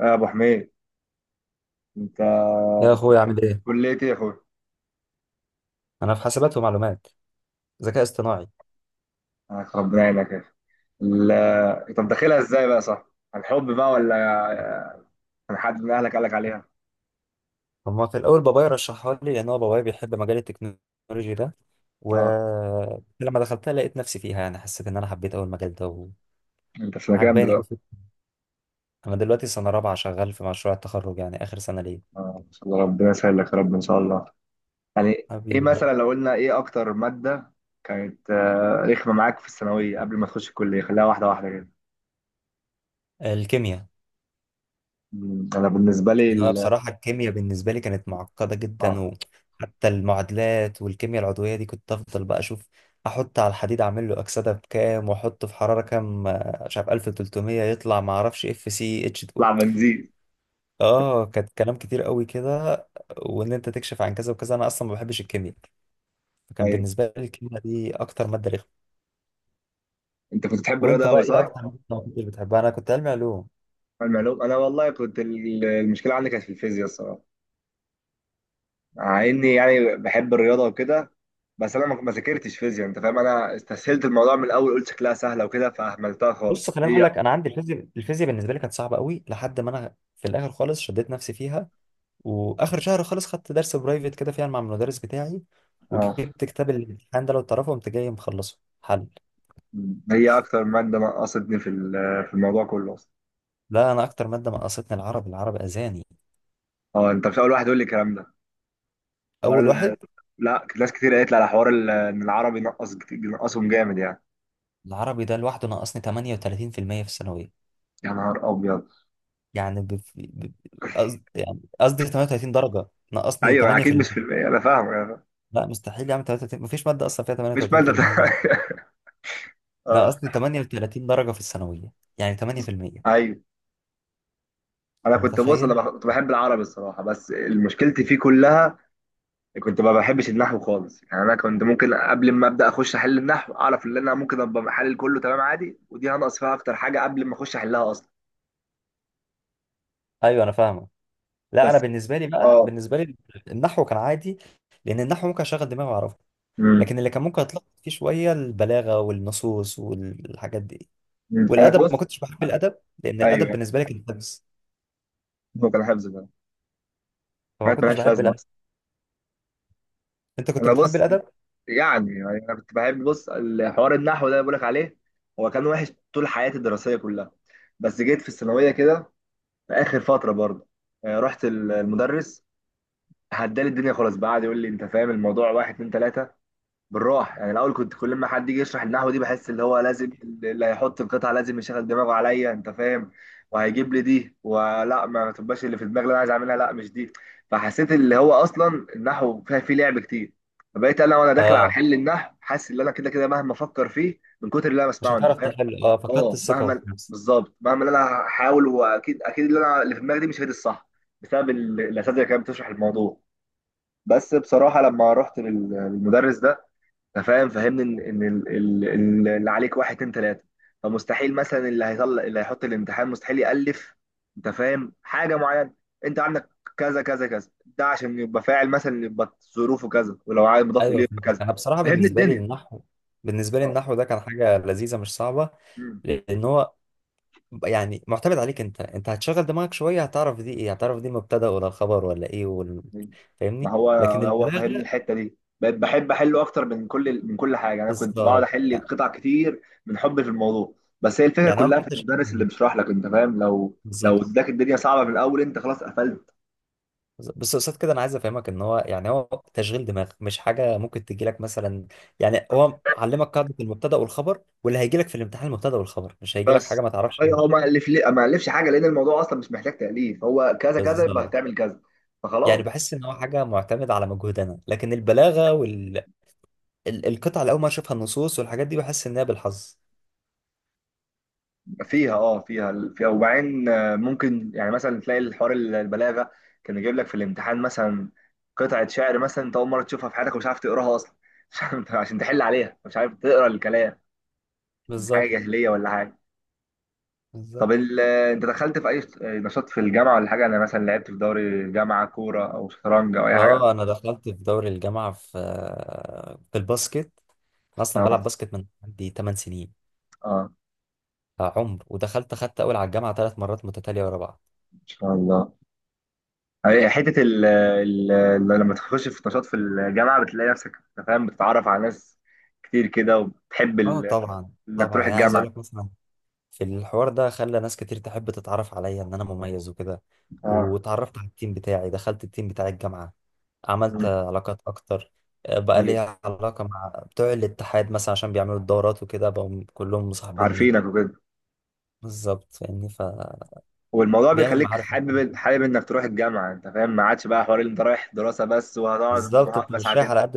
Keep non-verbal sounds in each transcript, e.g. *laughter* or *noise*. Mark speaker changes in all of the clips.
Speaker 1: يا ابو حميد، انت.
Speaker 2: يا اخويا، عامل ايه؟
Speaker 1: كليه ايه يا اخويا؟
Speaker 2: انا في حاسبات ومعلومات، ذكاء اصطناعي.
Speaker 1: آه، ربنا يعينك يا اخي. طب داخلها ازاي بقى، صح؟ عن حب بقى، ولا آه، عن حد من اهلك قالك عليها؟
Speaker 2: هما في الاول بابايا رشحها لي لان هو بابايا بيحب مجال التكنولوجي ده.
Speaker 1: اه،
Speaker 2: ولما دخلتها لقيت نفسي فيها، يعني حسيت ان انا حبيت اول المجال ده
Speaker 1: انت في مكان
Speaker 2: وعجباني قوي.
Speaker 1: دلوقتي؟
Speaker 2: انا دلوقتي سنه رابعه شغال في مشروع التخرج، يعني اخر سنه ليه.
Speaker 1: اه، ان شاء الله. ربنا يسهل لك يا رب، ان شاء الله. يعني ايه
Speaker 2: حبيبي بقى.
Speaker 1: مثلا؟ لو قلنا ايه اكتر ماده كانت رخمه معاك في الثانويه قبل ما تخش الكليه، خليها واحده واحده كده.
Speaker 2: الكيمياء.
Speaker 1: انا بالنسبه لي
Speaker 2: إن هو
Speaker 1: ال-
Speaker 2: بصراحة الكيمياء بالنسبة لي كانت معقدة جدا،
Speaker 1: اه،
Speaker 2: وحتى المعادلات والكيمياء العضوية دي كنت أفضل بقى أشوف أحط على الحديد أعمل له أكسدة بكام وأحطه في حرارة كام، مش عارف 1300 يطلع معرفش اف سي اتش اتنين.
Speaker 1: اطلع بنزين.
Speaker 2: اه، كانت كلام كتير قوي كده. وإن أنت تكشف عن كذا وكذا، أنا أصلا ما بحبش الكيمياء. فكان
Speaker 1: ايوه،
Speaker 2: بالنسبة لي الكيمياء دي أكتر مادة رخمة.
Speaker 1: انت كنت بتحب الرياضه
Speaker 2: وأنت بقى
Speaker 1: قوي،
Speaker 2: إيه
Speaker 1: صح؟
Speaker 2: أكتر مادة ما كنتش بتحبها؟ أنا كنت علمي علوم.
Speaker 1: المعلوم، انا والله كنت المشكله عندي كانت في الفيزياء الصراحه. مع اني يعني بحب الرياضه وكده. بس انا ما ذاكرتش فيزياء، انت فاهم. انا استسهلت الموضوع من الاول، قلت شكلها سهله وكده، فاهملتها
Speaker 2: بص
Speaker 1: خالص
Speaker 2: خليني أقول
Speaker 1: هي.
Speaker 2: لك، أنا عندي الفيزياء. الفيزياء بالنسبة لي كانت صعبة قوي لحد ما أنا في الآخر خالص شديت نفسي فيها. واخر شهر خالص خدت درس برايفت كده فيها مع المدرس بتاعي.
Speaker 1: اه،
Speaker 2: وجبت كتاب الامتحان ده لو تعرفه قمت جاي مخلصه حل.
Speaker 1: هي اكتر ماده نقصتني في الموضوع كله اصلا.
Speaker 2: لا، انا اكتر ماده نقصتني العربي. العربي اذاني.
Speaker 1: اه، انت مش اول واحد يقول لي الكلام ده. حوار
Speaker 2: اول
Speaker 1: ال...
Speaker 2: واحد.
Speaker 1: لا، ناس كتير قالت لي على حوار ان العربي نقصهم جامد يعني.
Speaker 2: العربي ده لوحده نقصني 38% في المية في الثانويه.
Speaker 1: يا نهار ابيض!
Speaker 2: يعني بف- ب- يعني قصدي 38 درجه. نقصني
Speaker 1: ايوه اكيد، مش في
Speaker 2: 8%.
Speaker 1: انا فاهم. أنا فاهم.
Speaker 2: لا، مستحيل يعمل 33. مفيش ماده اصلا فيها
Speaker 1: مش ماده *laughs*
Speaker 2: 38% دي.
Speaker 1: اه.
Speaker 2: نقصني 38 درجه في الثانويه، يعني 8%.
Speaker 1: ايوه، انا
Speaker 2: أنت
Speaker 1: كنت بص
Speaker 2: متخيل؟
Speaker 1: كنت بحب العربي الصراحه، بس مشكلتي فيه كلها. كنت ما بحبش النحو خالص، يعني انا كنت ممكن قبل ما ابدا اخش احل النحو اعرف ان انا ممكن ابقى محلل كله تمام عادي، ودي هنقص فيها اكتر حاجه قبل ما اخش احلها اصلا.
Speaker 2: ايوه، انا فاهمك. لا انا
Speaker 1: بس،
Speaker 2: بالنسبه لي بقى،
Speaker 1: اه،
Speaker 2: بالنسبه لي النحو كان عادي. لان النحو ممكن اشغل دماغي واعرفه.
Speaker 1: امم
Speaker 2: لكن اللي كان ممكن اتلخبط فيه شويه البلاغه والنصوص والحاجات دي.
Speaker 1: أمم. انا
Speaker 2: والادب ما
Speaker 1: بص.
Speaker 2: كنتش بحب الادب، لان الادب
Speaker 1: ايوه،
Speaker 2: بالنسبه لي كان حفظ،
Speaker 1: هو كان حفظ بقى.
Speaker 2: فما
Speaker 1: حاجات
Speaker 2: كنتش
Speaker 1: مالهاش
Speaker 2: بحب
Speaker 1: لازمه
Speaker 2: الادب.
Speaker 1: اصلا.
Speaker 2: انت كنت
Speaker 1: انا
Speaker 2: بتحب
Speaker 1: بص،
Speaker 2: الادب؟
Speaker 1: يعني انا كنت بحب بص الحوار النحو ده اللي بقولك عليه، هو كان وحش طول حياتي الدراسيه كلها. بس جيت في الثانويه كده، في اخر فتره برضه رحت المدرس، هدالي الدنيا خلاص بقى، قعد يقول لي انت فاهم الموضوع واحد اتنين تلاته بالراحه يعني. الاول كنت كل ما حد يجي يشرح النحو دي بحس اللي هو لازم اللي هيحط القطعه لازم يشغل دماغه عليا، انت فاهم، وهيجيب لي دي ولا ما تبقاش اللي في دماغي اللي انا عايز اعملها، لا مش دي. فحسيت اللي هو اصلا النحو فيه لعب كتير، فبقيت انا وانا داخل على
Speaker 2: اه،
Speaker 1: حل النحو حاسس ان انا كده كده مهما افكر فيه من كتر اللي انا
Speaker 2: مش
Speaker 1: بسمعه، انت
Speaker 2: هتعرف
Speaker 1: فاهم.
Speaker 2: تحل. اه، فقدت
Speaker 1: اه،
Speaker 2: الثقه في نفسك.
Speaker 1: بالظبط. مهما اللي انا هحاول، واكيد اكيد اللي في دماغي دي مش هي دي الصح، بسبب الاساتذه اللي كانت بتشرح الموضوع. بس بصراحه لما رحت للمدرس ده، فاهم، فهمني ان اللي عليك واحد اتنين تلاته، فمستحيل مثلا اللي هيحط الامتحان مستحيل يالف، انت فاهم، حاجه معينه. انت عندك كذا كذا كذا ده عشان يبقى فاعل مثلا، يبقى ظروفه كذا، ولو عايز مضاف اليه
Speaker 2: ايوه
Speaker 1: يبقى
Speaker 2: فهمتك.
Speaker 1: كذا.
Speaker 2: انا بصراحه
Speaker 1: فهمني
Speaker 2: بالنسبه لي
Speaker 1: الدنيا.
Speaker 2: النحو، بالنسبه لي
Speaker 1: اه.
Speaker 2: النحو ده كان حاجه لذيذه مش صعبه.
Speaker 1: مم.
Speaker 2: لان هو يعني معتمد عليك، انت هتشغل دماغك شويه هتعرف دي ايه، هتعرف دي المبتدا ولا الخبر ولا ايه ولا.
Speaker 1: ما
Speaker 2: فاهمني؟
Speaker 1: هو،
Speaker 2: لكن
Speaker 1: هو فهمني
Speaker 2: البلاغه.
Speaker 1: الحته دي، بقيت بحب احله اكتر من كل ال- من كل حاجه. انا كنت بقعد
Speaker 2: بالظبط،
Speaker 1: احل
Speaker 2: يعني
Speaker 1: قطع كتير من حبي في الموضوع. بس هي الفكره
Speaker 2: يعني هو
Speaker 1: كلها
Speaker 2: في
Speaker 1: في
Speaker 2: تشغيل
Speaker 1: المدرس اللي
Speaker 2: دماغ.
Speaker 1: بيشرح لك، انت فاهم. لو
Speaker 2: بالظبط.
Speaker 1: اداك الدنيا صعبه من الاول، انت خلاص قفلت.
Speaker 2: بس قصاد كده انا عايز افهمك ان هو، يعني هو تشغيل دماغ مش حاجه ممكن تجي لك مثلا. يعني هو علمك قاعده المبتدا والخبر، واللي هيجي لك في الامتحان المبتدا والخبر، مش هيجي لك حاجه
Speaker 1: بس
Speaker 2: ما تعرفش ايه
Speaker 1: اي،
Speaker 2: هي.
Speaker 1: هو ما الف ليه؟ ما الفش حاجه لان الموضوع اصلا مش محتاج تاليف، هو كذا كذا يبقى
Speaker 2: بالظبط.
Speaker 1: هتعمل كذا.
Speaker 2: يعني
Speaker 1: فخلاص.
Speaker 2: بحس ان هو حاجه معتمده على مجهود انا، لكن البلاغه والقطع اللي اول ما اشوفها، النصوص والحاجات دي، بحس انها بالحظ.
Speaker 1: فيها اه فيها فيها، وبعدين ممكن يعني مثلا تلاقي الحوار البلاغه كان يجيب لك في الامتحان مثلا قطعه شعر، مثلا انت اول مره تشوفها في حياتك ومش عارف تقراها اصلا. *laughs* عشان تحل عليها مش عارف تقرا الكلام، من حاجه
Speaker 2: بالظبط.
Speaker 1: جاهليه ولا حاجه. طب
Speaker 2: بالظبط.
Speaker 1: انت دخلت في اي نشاط في الجامعه ولا حاجه؟ انا مثلا لعبت في دوري الجامعه كوره او شطرنج او اي حاجه.
Speaker 2: اه، انا دخلت في دوري الجامعه في في الباسكت. انا اصلا
Speaker 1: اه
Speaker 2: بلعب باسكت من عندي 8 سنين.
Speaker 1: اه،
Speaker 2: عمر، ودخلت خدت اول على الجامعه 3 مرات متتاليه ورا بعض.
Speaker 1: ان شاء الله. أي حته ال ال لما تخش في نشاط في الجامعه بتلاقي نفسك، أنت فاهم، بتتعرف على ناس كتير كده، وبتحب
Speaker 2: اه، طبعا،
Speaker 1: انك
Speaker 2: طبعا.
Speaker 1: تروح
Speaker 2: يعني عايز
Speaker 1: الجامعه.
Speaker 2: اقول لك مثلا، في الحوار ده خلى ناس كتير تحب تتعرف عليا ان انا مميز وكده.
Speaker 1: اه.
Speaker 2: واتعرفت على التيم بتاعي، دخلت التيم بتاع الجامعه، عملت
Speaker 1: أمم.
Speaker 2: علاقات اكتر. بقى
Speaker 1: أي.
Speaker 2: ليا علاقه مع بتوع الاتحاد مثلا، عشان بيعملوا الدورات وكده بقوا كلهم مصاحبيني.
Speaker 1: عارفينك وكده.
Speaker 2: بالظبط، فاهمني، فبيعمل
Speaker 1: والموضوع بيخليك
Speaker 2: معارف.
Speaker 1: حابب حابب انك تروح الجامعه، انت فاهم، ما عادش بقى حوار اللي انت رايح دراسه بس وهتقعد
Speaker 2: بالظبط، انت
Speaker 1: بس
Speaker 2: مش رايح
Speaker 1: ساعتين.
Speaker 2: على قد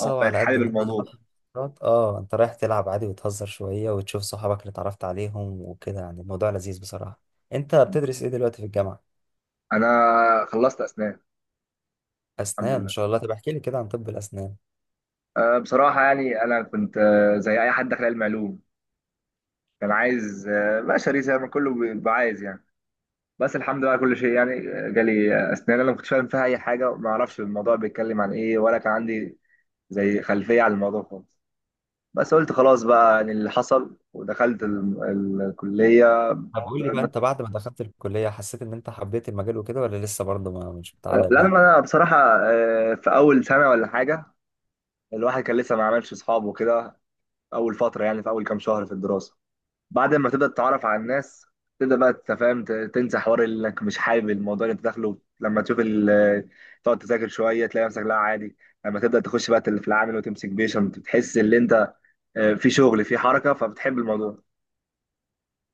Speaker 1: اه، بقيت
Speaker 2: وعلى قد
Speaker 1: حابب
Speaker 2: ان انا هروح
Speaker 1: الموضوع.
Speaker 2: *laughs* المحاضرات. اه، انت رايح تلعب عادي وتهزر شوية وتشوف صحابك اللي اتعرفت عليهم وكده، يعني الموضوع لذيذ بصراحة. انت بتدرس ايه دلوقتي في الجامعة؟
Speaker 1: انا خلصت اسنان. الحمد
Speaker 2: اسنان، ان
Speaker 1: لله.
Speaker 2: شاء الله. طب احكي لي كده عن طب الاسنان.
Speaker 1: أه، بصراحه يعني انا كنت زي اي حد داخل علم علوم، كان عايز بشري زي ما كله بيبقى عايز يعني. بس الحمد لله على كل شيء يعني. جالي اسنان، انا ما كنتش فاهم فيها اي حاجه وما اعرفش الموضوع بيتكلم عن ايه، ولا كان عندي زي خلفيه عن الموضوع خالص. بس قلت خلاص بقى يعني اللي حصل، ودخلت الكليه.
Speaker 2: طب قول لي بقى،
Speaker 1: لأن
Speaker 2: انت بعد ما دخلت الكلية حسيت ان انت حبيت المجال وكده ولا لسه برضه ما مش متعلق
Speaker 1: لأن
Speaker 2: بيه؟
Speaker 1: انا بصراحه في اول سنه ولا حاجه، الواحد كان لسه ما عملش اصحاب وكده. اول فتره يعني، في اول كام شهر في الدراسه، بعد ما تبدا تتعرف على الناس تبدا بقى تفهم، تنسى حوار انك مش حابب الموضوع اللي انت داخله. لما تشوف تقعد تذاكر شويه تلاقي نفسك لا عادي. لما تبدا تخش بقى في العامل وتمسك بيشنت بتحس ان انت في شغل في حركه، فبتحب الموضوع.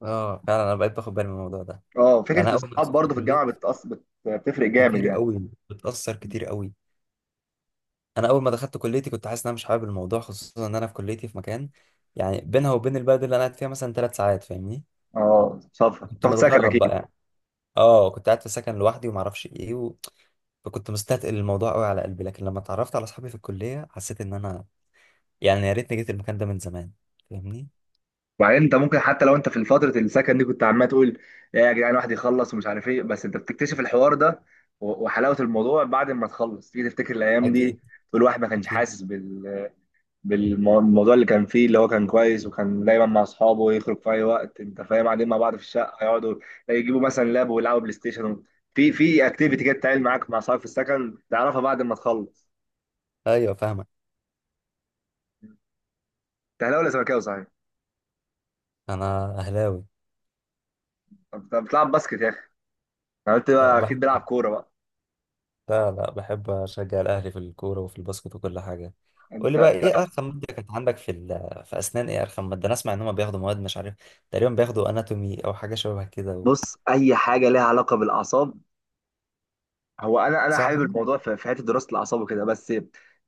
Speaker 2: اه فعلا، انا بقيت باخد بالي من الموضوع ده.
Speaker 1: اه،
Speaker 2: يعني
Speaker 1: فكره
Speaker 2: انا اول ما
Speaker 1: الصحاب
Speaker 2: دخلت
Speaker 1: برضه في
Speaker 2: الكلية،
Speaker 1: الجامعه بتفرق جامد
Speaker 2: كتير
Speaker 1: يعني.
Speaker 2: قوي، بتأثر كتير قوي. انا اول ما دخلت كليتي كنت حاسس ان انا مش حابب الموضوع، خصوصا ان انا في كليتي في مكان، يعني بينها وبين البلد اللي انا قاعد فيها مثلا 3 ساعات، فاهمني.
Speaker 1: اه، سفر،
Speaker 2: كنت
Speaker 1: تاخد سكن
Speaker 2: متغرب
Speaker 1: اكيد.
Speaker 2: بقى، يعني. اه كنت قاعد في سكن لوحدي وما اعرفش ايه. فكنت مستثقل الموضوع قوي على قلبي، لكن لما اتعرفت على اصحابي في الكليه حسيت ان انا، يعني يا ريتني جيت المكان ده من زمان، فاهمني.
Speaker 1: وبعدين انت ممكن حتى لو انت في فتره السكن دي كنت عمال تقول: يا جدعان، الواحد يخلص ومش عارف ايه. بس انت بتكتشف الحوار ده وحلاوه الموضوع بعد ما تخلص تيجي تفتكر الايام دي،
Speaker 2: اكيد،
Speaker 1: تقول الواحد ما كانش
Speaker 2: اكيد.
Speaker 1: حاسس بالموضوع اللي كان فيه، اللي هو كان كويس وكان دايما مع اصحابه، يخرج في اي وقت، انت فاهم، قاعدين مع بعض في الشقه، يقعدوا يجيبوا مثلا لاب ويلعبوا بلاي ستيشن. في اكتيفيتي كده بتتعمل معاك مع اصحابك في السكن تعرفها بعد ما تخلص.
Speaker 2: ايوه، فاهمك.
Speaker 1: انت اهلاوي ولا زملكاوي صحيح؟
Speaker 2: انا اهلاوي.
Speaker 1: طب طب، بتلعب باسكت يا اخي. أنا قلت
Speaker 2: أه،
Speaker 1: بقى اكيد
Speaker 2: بحب.
Speaker 1: بلعب كوره بقى.
Speaker 2: لا، لا، بحب أشجع الأهلي في الكورة وفي الباسكت وكل حاجة. قول لي
Speaker 1: انت
Speaker 2: بقى إيه أرخم مادة كانت عندك في أسنان؟ إيه أرخم مادة؟ أنا أسمع إن هما بياخدوا مواد، مش عارف، تقريبا بياخدوا أناتومي أو حاجة شبه كده.
Speaker 1: بص، اي حاجه ليها علاقه بالاعصاب. هو انا
Speaker 2: صح.
Speaker 1: حابب الموضوع في حته دراسه الاعصاب وكده، بس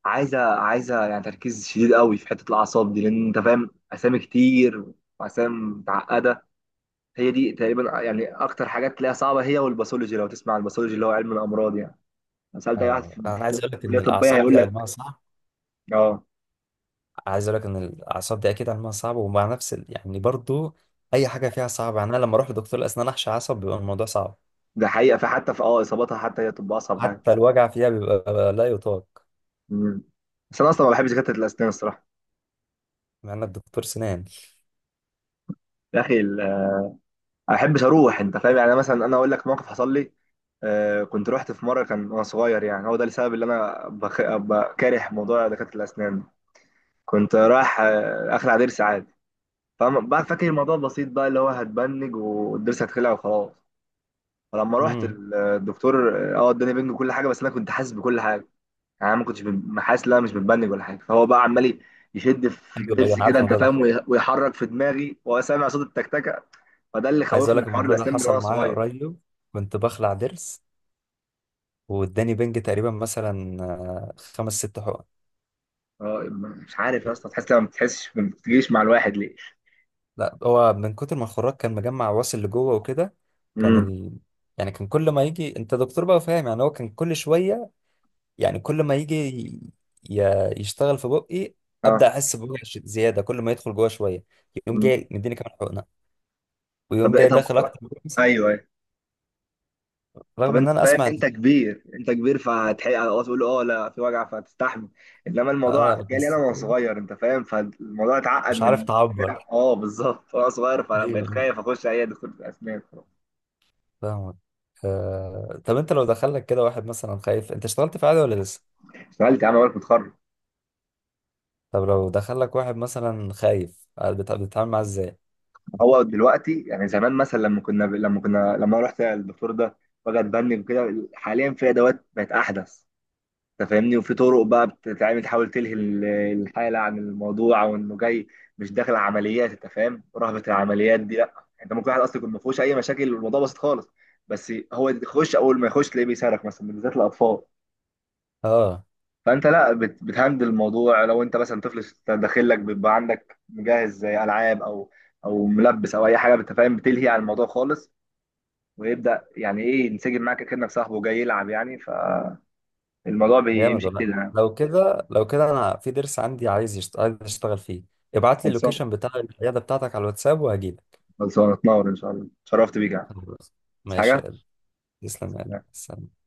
Speaker 1: عايزه عايزه يعني تركيز شديد قوي في حته الاعصاب دي، لان انت فاهم، اسامي كتير واسامي متعقده. هي دي تقريبا يعني اكتر حاجات تلاقيها صعبه، هي والباثولوجي. لو تسمع عن الباثولوجي، اللي هو علم الامراض يعني، لو سالت اي واحد في
Speaker 2: أنا عايز أقول لك
Speaker 1: كليه
Speaker 2: إن
Speaker 1: طبيه
Speaker 2: الأعصاب
Speaker 1: هيقول
Speaker 2: دي
Speaker 1: لك
Speaker 2: علمها صعب.
Speaker 1: اه.
Speaker 2: عايز أقول لك إن الأعصاب دي أكيد علمها صعب، ومع نفس يعني برضو، أي حاجة فيها صعبة. يعني أنا لما أروح لدكتور الأسنان أحشي عصب بيبقى الموضوع صعب.
Speaker 1: ده حقيقه، فحتى في اصاباتها حتى، هي طب اصعب حاجه.
Speaker 2: حتى الوجع فيها بيبقى لا يطاق.
Speaker 1: مم. بس انا اصلا ما بحبش دكاتره الاسنان الصراحه،
Speaker 2: مع إنك دكتور سنان.
Speaker 1: يا اخي انا احبش اروح، انت فاهم يعني. أنا مثلا انا اقول لك موقف حصل لي. كنت رحت في مره كان وانا صغير، يعني هو ده السبب اللي انا بكاره موضوع دكاتره الاسنان. كنت رايح اخلع ضرس عادي. فاهم بقى، فاكر الموضوع بسيط بقى، اللي هو هتبنج والضرس هتخلع وخلاص. فلما رحت
Speaker 2: امم.
Speaker 1: الدكتور، اه، اداني بنج وكل حاجه، بس انا كنت حاسس بكل حاجه، يعني انا ما كنتش حاسس ان انا مش متبنج ولا حاجه. فهو بقى عمال يشد في
Speaker 2: أيوه، أيوه،
Speaker 1: الضرس
Speaker 2: أنا عارف
Speaker 1: كده، انت
Speaker 2: الموضوع ده.
Speaker 1: فاهم، ويحرك في دماغي، وسامع صوت التكتكه. فده اللي
Speaker 2: عايز اقول
Speaker 1: خوفني
Speaker 2: لك
Speaker 1: من حوار
Speaker 2: الموضوع ده
Speaker 1: الاسنان من وانا
Speaker 2: حصل معايا
Speaker 1: صغير.
Speaker 2: قريب. كنت بخلع ضرس، واداني بنج تقريبا مثلا خمس ست حقن.
Speaker 1: اه، مش عارف يا اسطى، تحس لما ما بتحسش، ما بتجيش مع الواحد ليه؟
Speaker 2: لا، هو من كتر ما الخراج كان مجمع واصل لجوه وكده، كان
Speaker 1: امم.
Speaker 2: يعني كان كل ما يجي، انت دكتور بقى فاهم، يعني هو كان كل شويه، يعني كل ما يجي ي... يشتغل في بقي، ابدا
Speaker 1: اه.
Speaker 2: احس بوجع زياده، كل ما يدخل جوه شويه يقوم
Speaker 1: مم.
Speaker 2: جاي مديني كمان حقنه، ويقوم
Speaker 1: طب
Speaker 2: جاي داخل
Speaker 1: طب،
Speaker 2: اكتر من كده مثلاً.
Speaker 1: ايوه ايوه. طب،
Speaker 2: رغم ان
Speaker 1: انت
Speaker 2: انا
Speaker 1: فاهم،
Speaker 2: اسمع ان،
Speaker 1: انت كبير انت كبير فهتحق تقول اه لا في وجع، فهتستحمل. انما الموضوع
Speaker 2: اه
Speaker 1: جالي انا
Speaker 2: بس
Speaker 1: وانا صغير، انت فاهم، فالموضوع اتعقد
Speaker 2: مش عارف
Speaker 1: من
Speaker 2: تعبر.
Speaker 1: اه بالظبط وانا صغير، فبقيت
Speaker 2: ايوه
Speaker 1: خايف اخش اي دكتور اسنان.
Speaker 2: فاهمك. طب انت لو دخلك كده واحد مثلا خايف، انت اشتغلت في عادي ولا لسه؟
Speaker 1: اشتغلت يا عم بالك متخرج.
Speaker 2: طب لو دخلك واحد مثلا خايف، بتتعامل معاه ازاي؟
Speaker 1: هو دلوقتي يعني، زمان مثلا لما رحت الدكتور ده، وجع اتبني وكده. حاليا في ادوات بقت احدث، انت فاهمني، وفي طرق بقى بتتعمل تحاول تلهي الحاله عن الموضوع، او انه جاي مش داخل عمليات، انت فاهم، رهبه العمليات دي لا. انت ممكن واحد اصلا يكون ما فيهوش اي مشاكل والموضوع بسيط خالص، بس هو يخش، اول ما يخش تلاقيه بيصرخ مثلا، بالذات الاطفال.
Speaker 2: اه،
Speaker 1: فانت لا بتهندل الموضوع. لو انت مثلا طفل داخل لك بيبقى عندك مجهز زي العاب او ملبس او اي حاجه، انت فاهم، بتلهي عن الموضوع خالص، ويبدا يعني ايه ينسجم معاك كانك صاحبه جاي يلعب يعني. فالموضوع
Speaker 2: جامد.
Speaker 1: بيمشي
Speaker 2: ولا
Speaker 1: كده،
Speaker 2: لو كده، لو كده، انا في ضرس عندي عايز عايز اشتغل فيه. ابعت لي
Speaker 1: يعني.
Speaker 2: اللوكيشن بتاع العياده بتاعتك على الواتساب وهجيلك.
Speaker 1: خلاص، هتنور ان شاء الله. اتشرفت بيك يا عم.
Speaker 2: خلاص،
Speaker 1: عايز
Speaker 2: ماشي يا
Speaker 1: حاجه؟
Speaker 2: قلبي. تسلم يا قلبي.
Speaker 1: سلام.
Speaker 2: سلام.